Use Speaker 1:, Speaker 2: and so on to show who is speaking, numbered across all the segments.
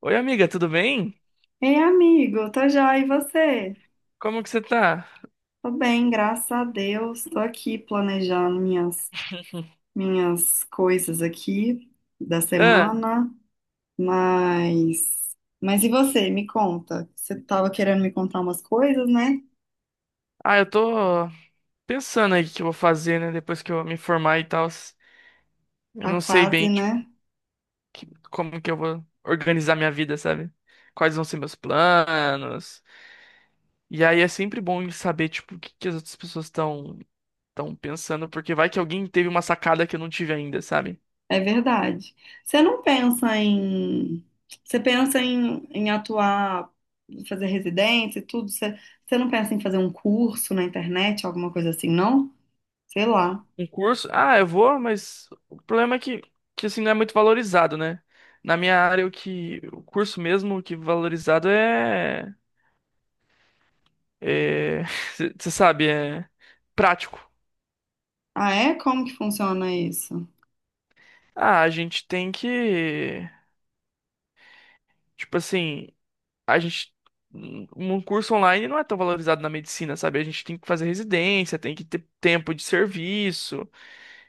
Speaker 1: Oi, amiga, tudo bem?
Speaker 2: Ei, amigo, tô joia, e você?
Speaker 1: Como que você tá?
Speaker 2: Tô bem, graças a Deus. Tô aqui planejando minhas coisas aqui da
Speaker 1: Ah,
Speaker 2: semana, mas. Mas e você? Me conta. Você tava querendo me contar umas coisas, né?
Speaker 1: eu tô pensando aí o que eu vou fazer, né? Depois que eu me formar e tal. Eu
Speaker 2: Tá
Speaker 1: não sei
Speaker 2: quase,
Speaker 1: bem, tipo,
Speaker 2: né?
Speaker 1: como que eu vou organizar minha vida, sabe? Quais vão ser meus planos. E aí é sempre bom saber, tipo, o que que as outras pessoas estão pensando, porque vai que alguém teve uma sacada que eu não tive ainda, sabe?
Speaker 2: É verdade. Você não pensa em— Você pensa em atuar, fazer residência e tudo? Você não pensa em fazer um curso na internet, alguma coisa assim, não? Sei lá.
Speaker 1: Um curso, ah, eu vou, mas o problema é que assim, não é muito valorizado, né? Na minha área, o que o curso mesmo o que valorizado é é, você sabe, é prático.
Speaker 2: Ah, é? Como que funciona isso?
Speaker 1: Ah, a gente tem que. Tipo assim, a gente. Um um curso online não é tão valorizado na medicina, sabe? A gente tem que fazer residência, tem que ter tempo de serviço.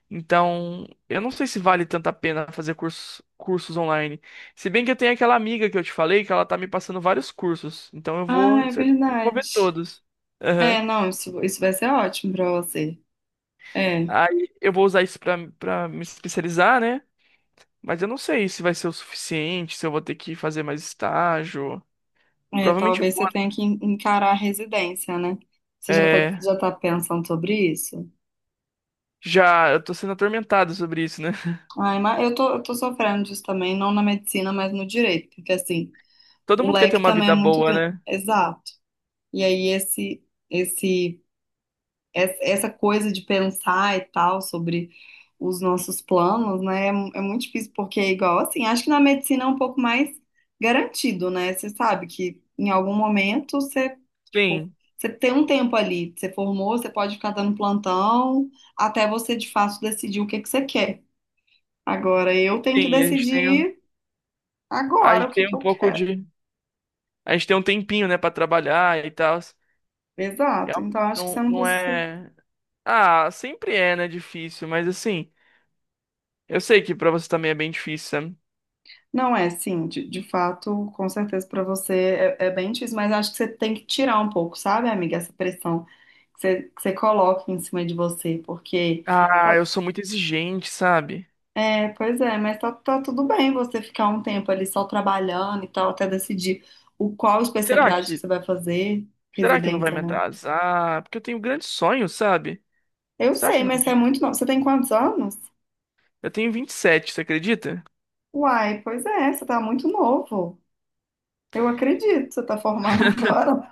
Speaker 1: Então, eu não sei se vale tanto a pena fazer cursos online. Se bem que eu tenho aquela amiga que eu te falei que ela tá me passando vários cursos. Então, eu vou,
Speaker 2: Ah, é
Speaker 1: certamente, vou ver
Speaker 2: verdade.
Speaker 1: todos. Aham.
Speaker 2: É, não, isso vai ser ótimo pra você. É,
Speaker 1: Aí, eu vou usar isso pra me especializar, né? Mas eu não sei se vai ser o suficiente, se eu vou ter que fazer mais estágio.
Speaker 2: é,
Speaker 1: Provavelmente
Speaker 2: talvez
Speaker 1: vou.
Speaker 2: você
Speaker 1: Né?
Speaker 2: tenha que encarar a residência, né? Você já tá,
Speaker 1: É,
Speaker 2: já tá pensando sobre isso?
Speaker 1: já eu tô sendo atormentado sobre isso, né?
Speaker 2: Ai, mas eu tô sofrendo disso também, não na medicina, mas no direito, porque assim,
Speaker 1: Todo
Speaker 2: o
Speaker 1: mundo quer ter
Speaker 2: leque
Speaker 1: uma
Speaker 2: também é
Speaker 1: vida
Speaker 2: muito
Speaker 1: boa,
Speaker 2: grande.
Speaker 1: né?
Speaker 2: Exato. E aí esse essa coisa de pensar e tal sobre os nossos planos, né? É, é muito difícil porque é igual assim, acho que na medicina é um pouco mais garantido, né? Você sabe que em algum momento você, tipo,
Speaker 1: Sim,
Speaker 2: você tem um tempo ali, você formou, você pode ficar dando plantão até você de fato decidir o que que você quer. Agora eu tenho que
Speaker 1: sim, a gente tem,
Speaker 2: decidir
Speaker 1: a
Speaker 2: agora o
Speaker 1: gente
Speaker 2: que
Speaker 1: tem
Speaker 2: que
Speaker 1: um
Speaker 2: eu
Speaker 1: pouco
Speaker 2: quero.
Speaker 1: de. A gente tem um tempinho, né, pra trabalhar e tal.
Speaker 2: Exato. Então
Speaker 1: Realmente
Speaker 2: acho que
Speaker 1: não,
Speaker 2: você não
Speaker 1: não
Speaker 2: precisa.
Speaker 1: é. Ah, sempre é, né, difícil, mas assim, eu sei que pra você também é bem difícil, sabe?
Speaker 2: Não é, sim, de fato, com certeza para você é bem difícil, mas acho que você tem que tirar um pouco, sabe, amiga, essa pressão que você coloca em cima de você, porque,
Speaker 1: Ah, eu
Speaker 2: tá-
Speaker 1: sou muito exigente, sabe?
Speaker 2: é, pois é, mas tá tudo bem você ficar um tempo ali só trabalhando e tal, até decidir o qual
Speaker 1: Será
Speaker 2: especialidade que
Speaker 1: que,
Speaker 2: você vai fazer,
Speaker 1: será que não vai
Speaker 2: residência,
Speaker 1: me
Speaker 2: né?
Speaker 1: atrasar? Porque eu tenho grandes sonhos, sabe?
Speaker 2: Eu
Speaker 1: Será que
Speaker 2: sei,
Speaker 1: não?
Speaker 2: mas você é muito novo, você tem quantos anos?
Speaker 1: Eu tenho 27, você acredita?
Speaker 2: Uai, pois é, você tá muito novo, eu acredito, você tá formando agora,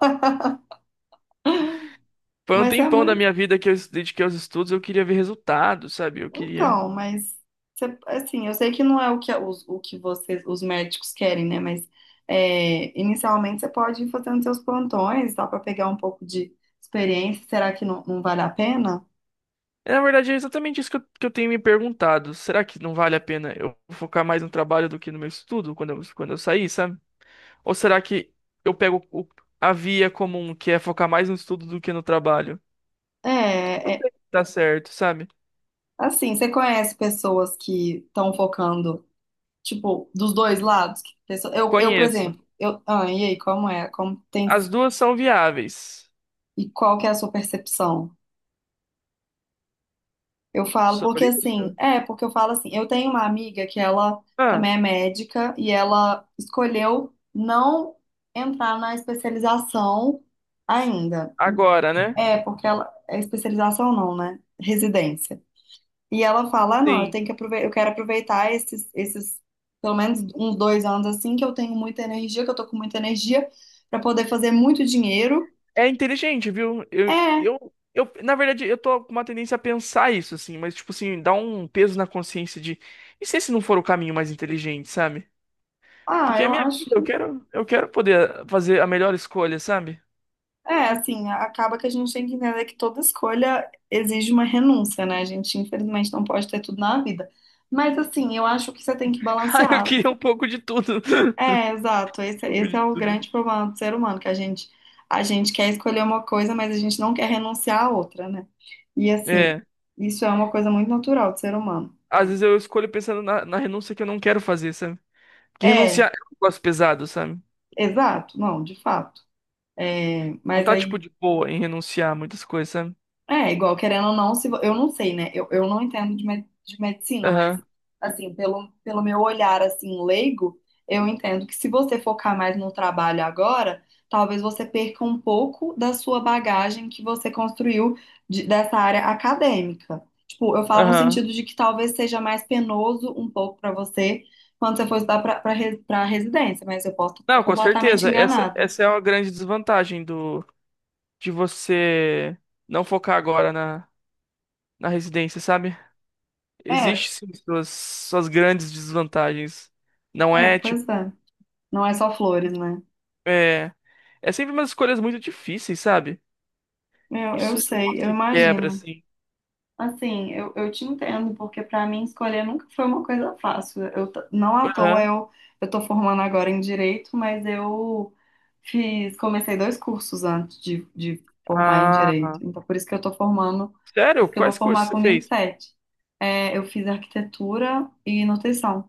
Speaker 1: Foi um
Speaker 2: mas você é
Speaker 1: tempão da
Speaker 2: muito.
Speaker 1: minha vida que eu dediquei aos estudos, eu queria ver resultados, sabe? Eu queria.
Speaker 2: Então, mas assim, eu sei que não é o que os, o que vocês, os médicos querem, né? Mas é, inicialmente você pode ir fazendo seus plantões, dá para pegar um pouco de experiência. Será que não, não vale a pena?
Speaker 1: É, na verdade, é exatamente isso que eu tenho me perguntado. Será que não vale a pena eu focar mais no trabalho do que no meu estudo quando eu sair, sabe? Ou será que eu a via comum, que é focar mais no estudo do que no trabalho?
Speaker 2: É,
Speaker 1: Não
Speaker 2: é,
Speaker 1: sei se tá certo, sabe?
Speaker 2: assim, você conhece pessoas que estão focando, tipo, dos dois lados? Eu, por
Speaker 1: Conheço.
Speaker 2: exemplo, eu, ah, e aí, como é? Como tem,
Speaker 1: As duas são viáveis.
Speaker 2: e qual que é a sua percepção? Eu falo, porque
Speaker 1: Sobre
Speaker 2: assim,
Speaker 1: isso?
Speaker 2: é, porque eu falo assim, eu tenho uma amiga que ela
Speaker 1: Ah,
Speaker 2: também é médica e ela escolheu não entrar na especialização ainda.
Speaker 1: agora, né?
Speaker 2: É, porque ela, é especialização não, né? Residência. E ela fala, ah, não, eu
Speaker 1: Sim.
Speaker 2: tenho que aproveitar, eu quero aproveitar esses, pelo menos uns 2 anos assim, que eu tenho muita energia, que eu tô com muita energia, para poder fazer muito dinheiro.
Speaker 1: É inteligente, viu?
Speaker 2: É,
Speaker 1: Na verdade, eu tô com uma tendência a pensar isso, assim, mas, tipo assim, dá um peso na consciência de, e se esse não for o caminho mais inteligente, sabe?
Speaker 2: ah,
Speaker 1: Porque é
Speaker 2: eu
Speaker 1: minha
Speaker 2: acho.
Speaker 1: vida, eu quero poder fazer a melhor escolha, sabe?
Speaker 2: É, assim, acaba que a gente tem que entender que toda escolha exige uma renúncia, né? A gente, infelizmente, não pode ter tudo na vida. Mas, assim, eu acho que você tem que
Speaker 1: Ah, eu
Speaker 2: balancear.
Speaker 1: queria um pouco de tudo.
Speaker 2: É, exato.
Speaker 1: Um
Speaker 2: Esse,
Speaker 1: pouco
Speaker 2: esse
Speaker 1: de
Speaker 2: é o
Speaker 1: tudo.
Speaker 2: grande problema do ser humano, que a gente quer escolher uma coisa, mas a gente não quer renunciar à outra, né? E, assim,
Speaker 1: É,
Speaker 2: isso é uma coisa muito natural do ser humano.
Speaker 1: às vezes eu escolho pensando na renúncia que eu não quero fazer, sabe? Porque renunciar
Speaker 2: É,
Speaker 1: é um negócio pesado, sabe?
Speaker 2: exato. Não, de fato. É,
Speaker 1: Não
Speaker 2: mas
Speaker 1: tá, tipo,
Speaker 2: aí.
Speaker 1: de boa em renunciar a muitas coisas, sabe?
Speaker 2: É, igual, querendo ou não, se, vo- eu não sei, né? Eu não entendo de medicina, mas,
Speaker 1: Aham,
Speaker 2: assim, pelo meu olhar, assim, leigo, eu entendo que se você focar mais no trabalho agora, talvez você perca um pouco da sua bagagem que você construiu dessa área acadêmica. Tipo, eu falo no
Speaker 1: aham.
Speaker 2: sentido de que talvez seja mais penoso um pouco para você quando você for estudar para residência, mas eu posso estar
Speaker 1: Não, com
Speaker 2: completamente
Speaker 1: certeza. Essa,
Speaker 2: enganada.
Speaker 1: essa é uma grande desvantagem do de você não focar agora na, na residência, sabe? Existe
Speaker 2: É,
Speaker 1: sim suas grandes desvantagens. Não
Speaker 2: é,
Speaker 1: é tipo.
Speaker 2: pois é. Não é só flores, né?
Speaker 1: É, é sempre umas escolhas muito difíceis, sabe?
Speaker 2: Eu
Speaker 1: Isso é um
Speaker 2: sei,
Speaker 1: negócio
Speaker 2: eu
Speaker 1: que quebra,
Speaker 2: imagino.
Speaker 1: assim.
Speaker 2: Assim, eu te entendo, porque para mim escolher nunca foi uma coisa fácil. Não à toa
Speaker 1: Aham.
Speaker 2: eu tô formando agora em direito, mas eu comecei dois cursos antes de formar em
Speaker 1: Ah,
Speaker 2: direito. Então, por isso que eu tô formando, por
Speaker 1: sério?
Speaker 2: isso que eu
Speaker 1: Quais
Speaker 2: vou
Speaker 1: cursos
Speaker 2: formar
Speaker 1: você
Speaker 2: com vinte e
Speaker 1: fez?
Speaker 2: sete. É, eu fiz arquitetura e nutrição.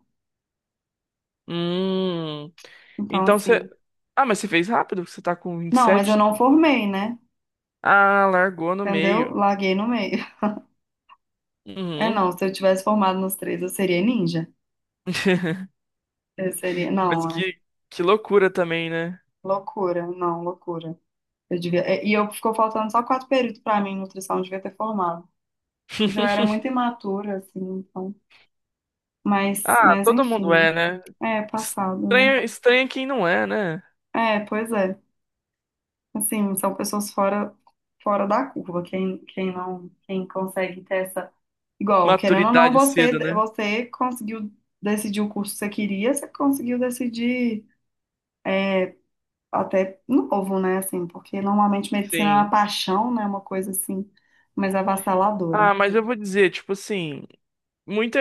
Speaker 1: Hum.
Speaker 2: Então,
Speaker 1: Então você.
Speaker 2: assim,
Speaker 1: Ah, mas você fez rápido? Você tá com vinte e
Speaker 2: não, mas eu
Speaker 1: sete.
Speaker 2: não formei, né?
Speaker 1: Ah, largou no
Speaker 2: Entendeu?
Speaker 1: meio.
Speaker 2: Larguei no meio. É,
Speaker 1: Uhum.
Speaker 2: não, se eu tivesse formado nos três, eu seria ninja. Eu seria,
Speaker 1: Mas
Speaker 2: não, é.
Speaker 1: que loucura também, né?
Speaker 2: Loucura, não, loucura. Eu devia— e eu ficou faltando só quatro períodos pra mim, em nutrição, eu devia ter formado. Mas eu era muito imatura, assim, então. Mas,
Speaker 1: Ah,
Speaker 2: mas
Speaker 1: todo mundo é,
Speaker 2: enfim,
Speaker 1: né?
Speaker 2: é passado, né?
Speaker 1: Estranha, estranha quem não é, né?
Speaker 2: É, pois é. Assim, são pessoas fora, da curva. Quem, quem não, quem consegue ter essa. Igual, querendo ou não,
Speaker 1: Maturidade cedo,
Speaker 2: você,
Speaker 1: né?
Speaker 2: você conseguiu decidir o curso que você queria, você conseguiu decidir até novo, né? Assim, porque normalmente medicina é uma
Speaker 1: Sim.
Speaker 2: paixão, né? Uma coisa assim, mais avassaladora.
Speaker 1: Ah, mas eu vou dizer, tipo assim, muita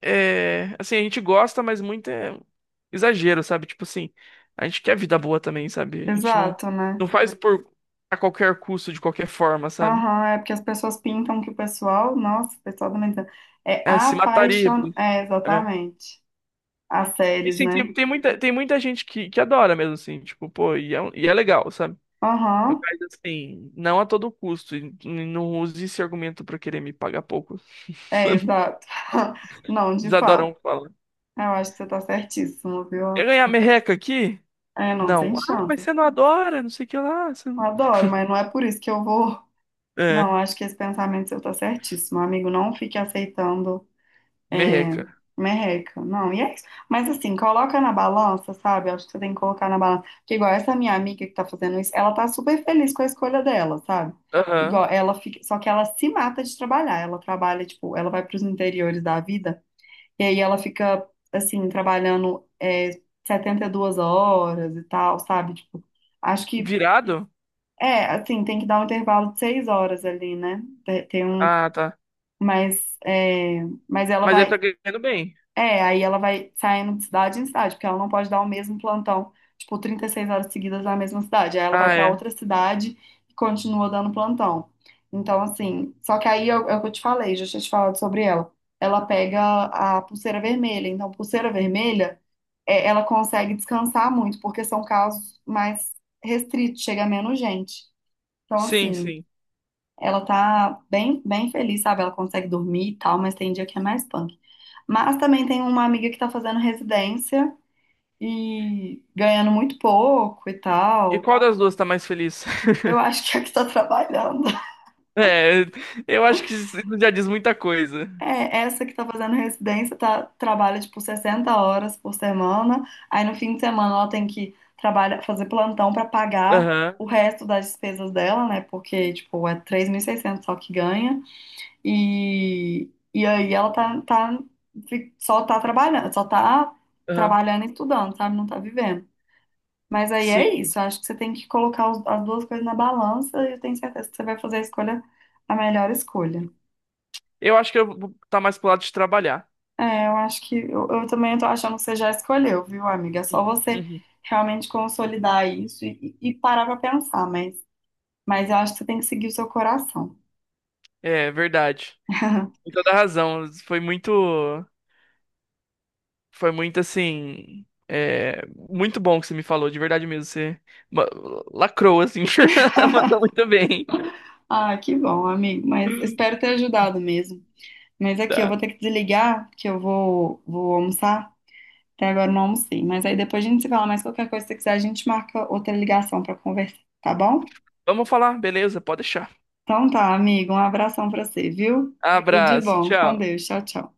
Speaker 1: é, assim, a gente gosta, mas muito é exagero, sabe? Tipo assim, a gente quer vida boa também, sabe? A gente não
Speaker 2: Exato, né?
Speaker 1: não faz por a qualquer custo, de qualquer forma, sabe?
Speaker 2: Aham, é porque as pessoas pintam que o pessoal, nossa, o pessoal também é
Speaker 1: É, se mataria por
Speaker 2: apaixonado.
Speaker 1: isso.
Speaker 2: É,
Speaker 1: É.
Speaker 2: exatamente. As
Speaker 1: E
Speaker 2: séries,
Speaker 1: assim,
Speaker 2: né?
Speaker 1: tem, tem muita gente que adora mesmo assim, tipo, pô, e é, e é legal, sabe?
Speaker 2: Aham,
Speaker 1: Mas assim, não a todo custo. Não use esse argumento pra querer me pagar pouco.
Speaker 2: é, exato. Não, de
Speaker 1: Eles
Speaker 2: fato.
Speaker 1: adoram falar.
Speaker 2: Eu acho que você tá certíssimo,
Speaker 1: Quer
Speaker 2: viu?
Speaker 1: ganhar merreca aqui?
Speaker 2: É, não, tem
Speaker 1: Não. Ah,
Speaker 2: chance.
Speaker 1: mas você não adora, não sei o que lá. Você não-
Speaker 2: Adoro, mas não é por isso que eu vou.
Speaker 1: É,
Speaker 2: Não, acho que esse pensamento seu tá certíssimo, amigo. Não fique aceitando. É,
Speaker 1: merreca.
Speaker 2: merreca. Não, e é isso. Mas assim, coloca na balança, sabe? Acho que você tem que colocar na balança. Porque igual essa minha amiga que tá fazendo isso, ela tá super feliz com a escolha dela, sabe? Igual
Speaker 1: Aham.
Speaker 2: ela fica, só que ela se mata de trabalhar. Ela trabalha, tipo, ela vai pros interiores da vida e aí ela fica assim trabalhando 72 horas e tal, sabe? Tipo, acho que
Speaker 1: Virado?
Speaker 2: assim, tem que dar um intervalo de 6 horas ali, né? Tem um,
Speaker 1: Ah, tá.
Speaker 2: mas mas ela
Speaker 1: Mas ele tá
Speaker 2: vai
Speaker 1: ganhando bem.
Speaker 2: aí ela vai saindo de cidade em cidade, porque ela não pode dar o mesmo plantão, tipo, 36 horas seguidas na mesma cidade. Aí ela vai
Speaker 1: Ah,
Speaker 2: pra
Speaker 1: é.
Speaker 2: outra cidade e continua dando plantão. Então, assim, só que aí é o que eu te falei, já tinha te falado sobre ela. Ela pega a pulseira vermelha. Então, pulseira vermelha, ela consegue descansar muito, porque são casos mais restritos, chega menos gente. Então,
Speaker 1: Sim,
Speaker 2: assim,
Speaker 1: sim.
Speaker 2: ela tá bem, bem feliz, sabe? Ela consegue dormir e tal, mas tem dia que é mais punk. Mas também tem uma amiga que tá fazendo residência e ganhando muito pouco e
Speaker 1: E
Speaker 2: tal.
Speaker 1: qual das duas tá mais feliz?
Speaker 2: Eu acho que é a que tá trabalhando.
Speaker 1: É, eu acho que isso já diz muita coisa.
Speaker 2: É, essa que tá fazendo residência trabalha, tipo, 60 horas por semana. Aí no fim de semana ela tem que trabalhar, fazer plantão pra pagar
Speaker 1: Aham,
Speaker 2: o resto das despesas dela, né? Porque, tipo, é 3.600 só que ganha. E aí ela só tá trabalhando, só tá
Speaker 1: aham.
Speaker 2: trabalhando e estudando, sabe? Não tá vivendo. Mas aí é
Speaker 1: Sim.
Speaker 2: isso, acho que você tem que colocar as duas coisas na balança e eu tenho certeza que você vai fazer a escolha, a melhor escolha.
Speaker 1: Eu acho que eu vou tá mais pro lado de trabalhar.
Speaker 2: É, eu acho que eu também tô achando que você já escolheu, viu, amiga? É só você
Speaker 1: Uhum.
Speaker 2: realmente consolidar isso e parar pra pensar, mas, eu acho que você tem que seguir o seu coração.
Speaker 1: É, verdade. Com toda a razão. Foi muito. Foi muito assim. É, muito bom que você me falou, de verdade mesmo. Você ma- lacrou, assim. Mandou muito bem.
Speaker 2: Ah, que bom, amigo, mas espero ter ajudado mesmo. Mas aqui, eu vou
Speaker 1: Tá.
Speaker 2: ter que desligar, que eu vou almoçar. Até agora eu não almocei. Mas aí depois a gente se fala mais qualquer coisa que você quiser, a gente marca outra ligação pra conversar, tá bom?
Speaker 1: Vamos falar, beleza? Pode deixar.
Speaker 2: Então tá, amigo. Um abração pra você, viu? Tudo de
Speaker 1: Abraço,
Speaker 2: bom. Com
Speaker 1: tchau.
Speaker 2: Deus. Tchau, tchau.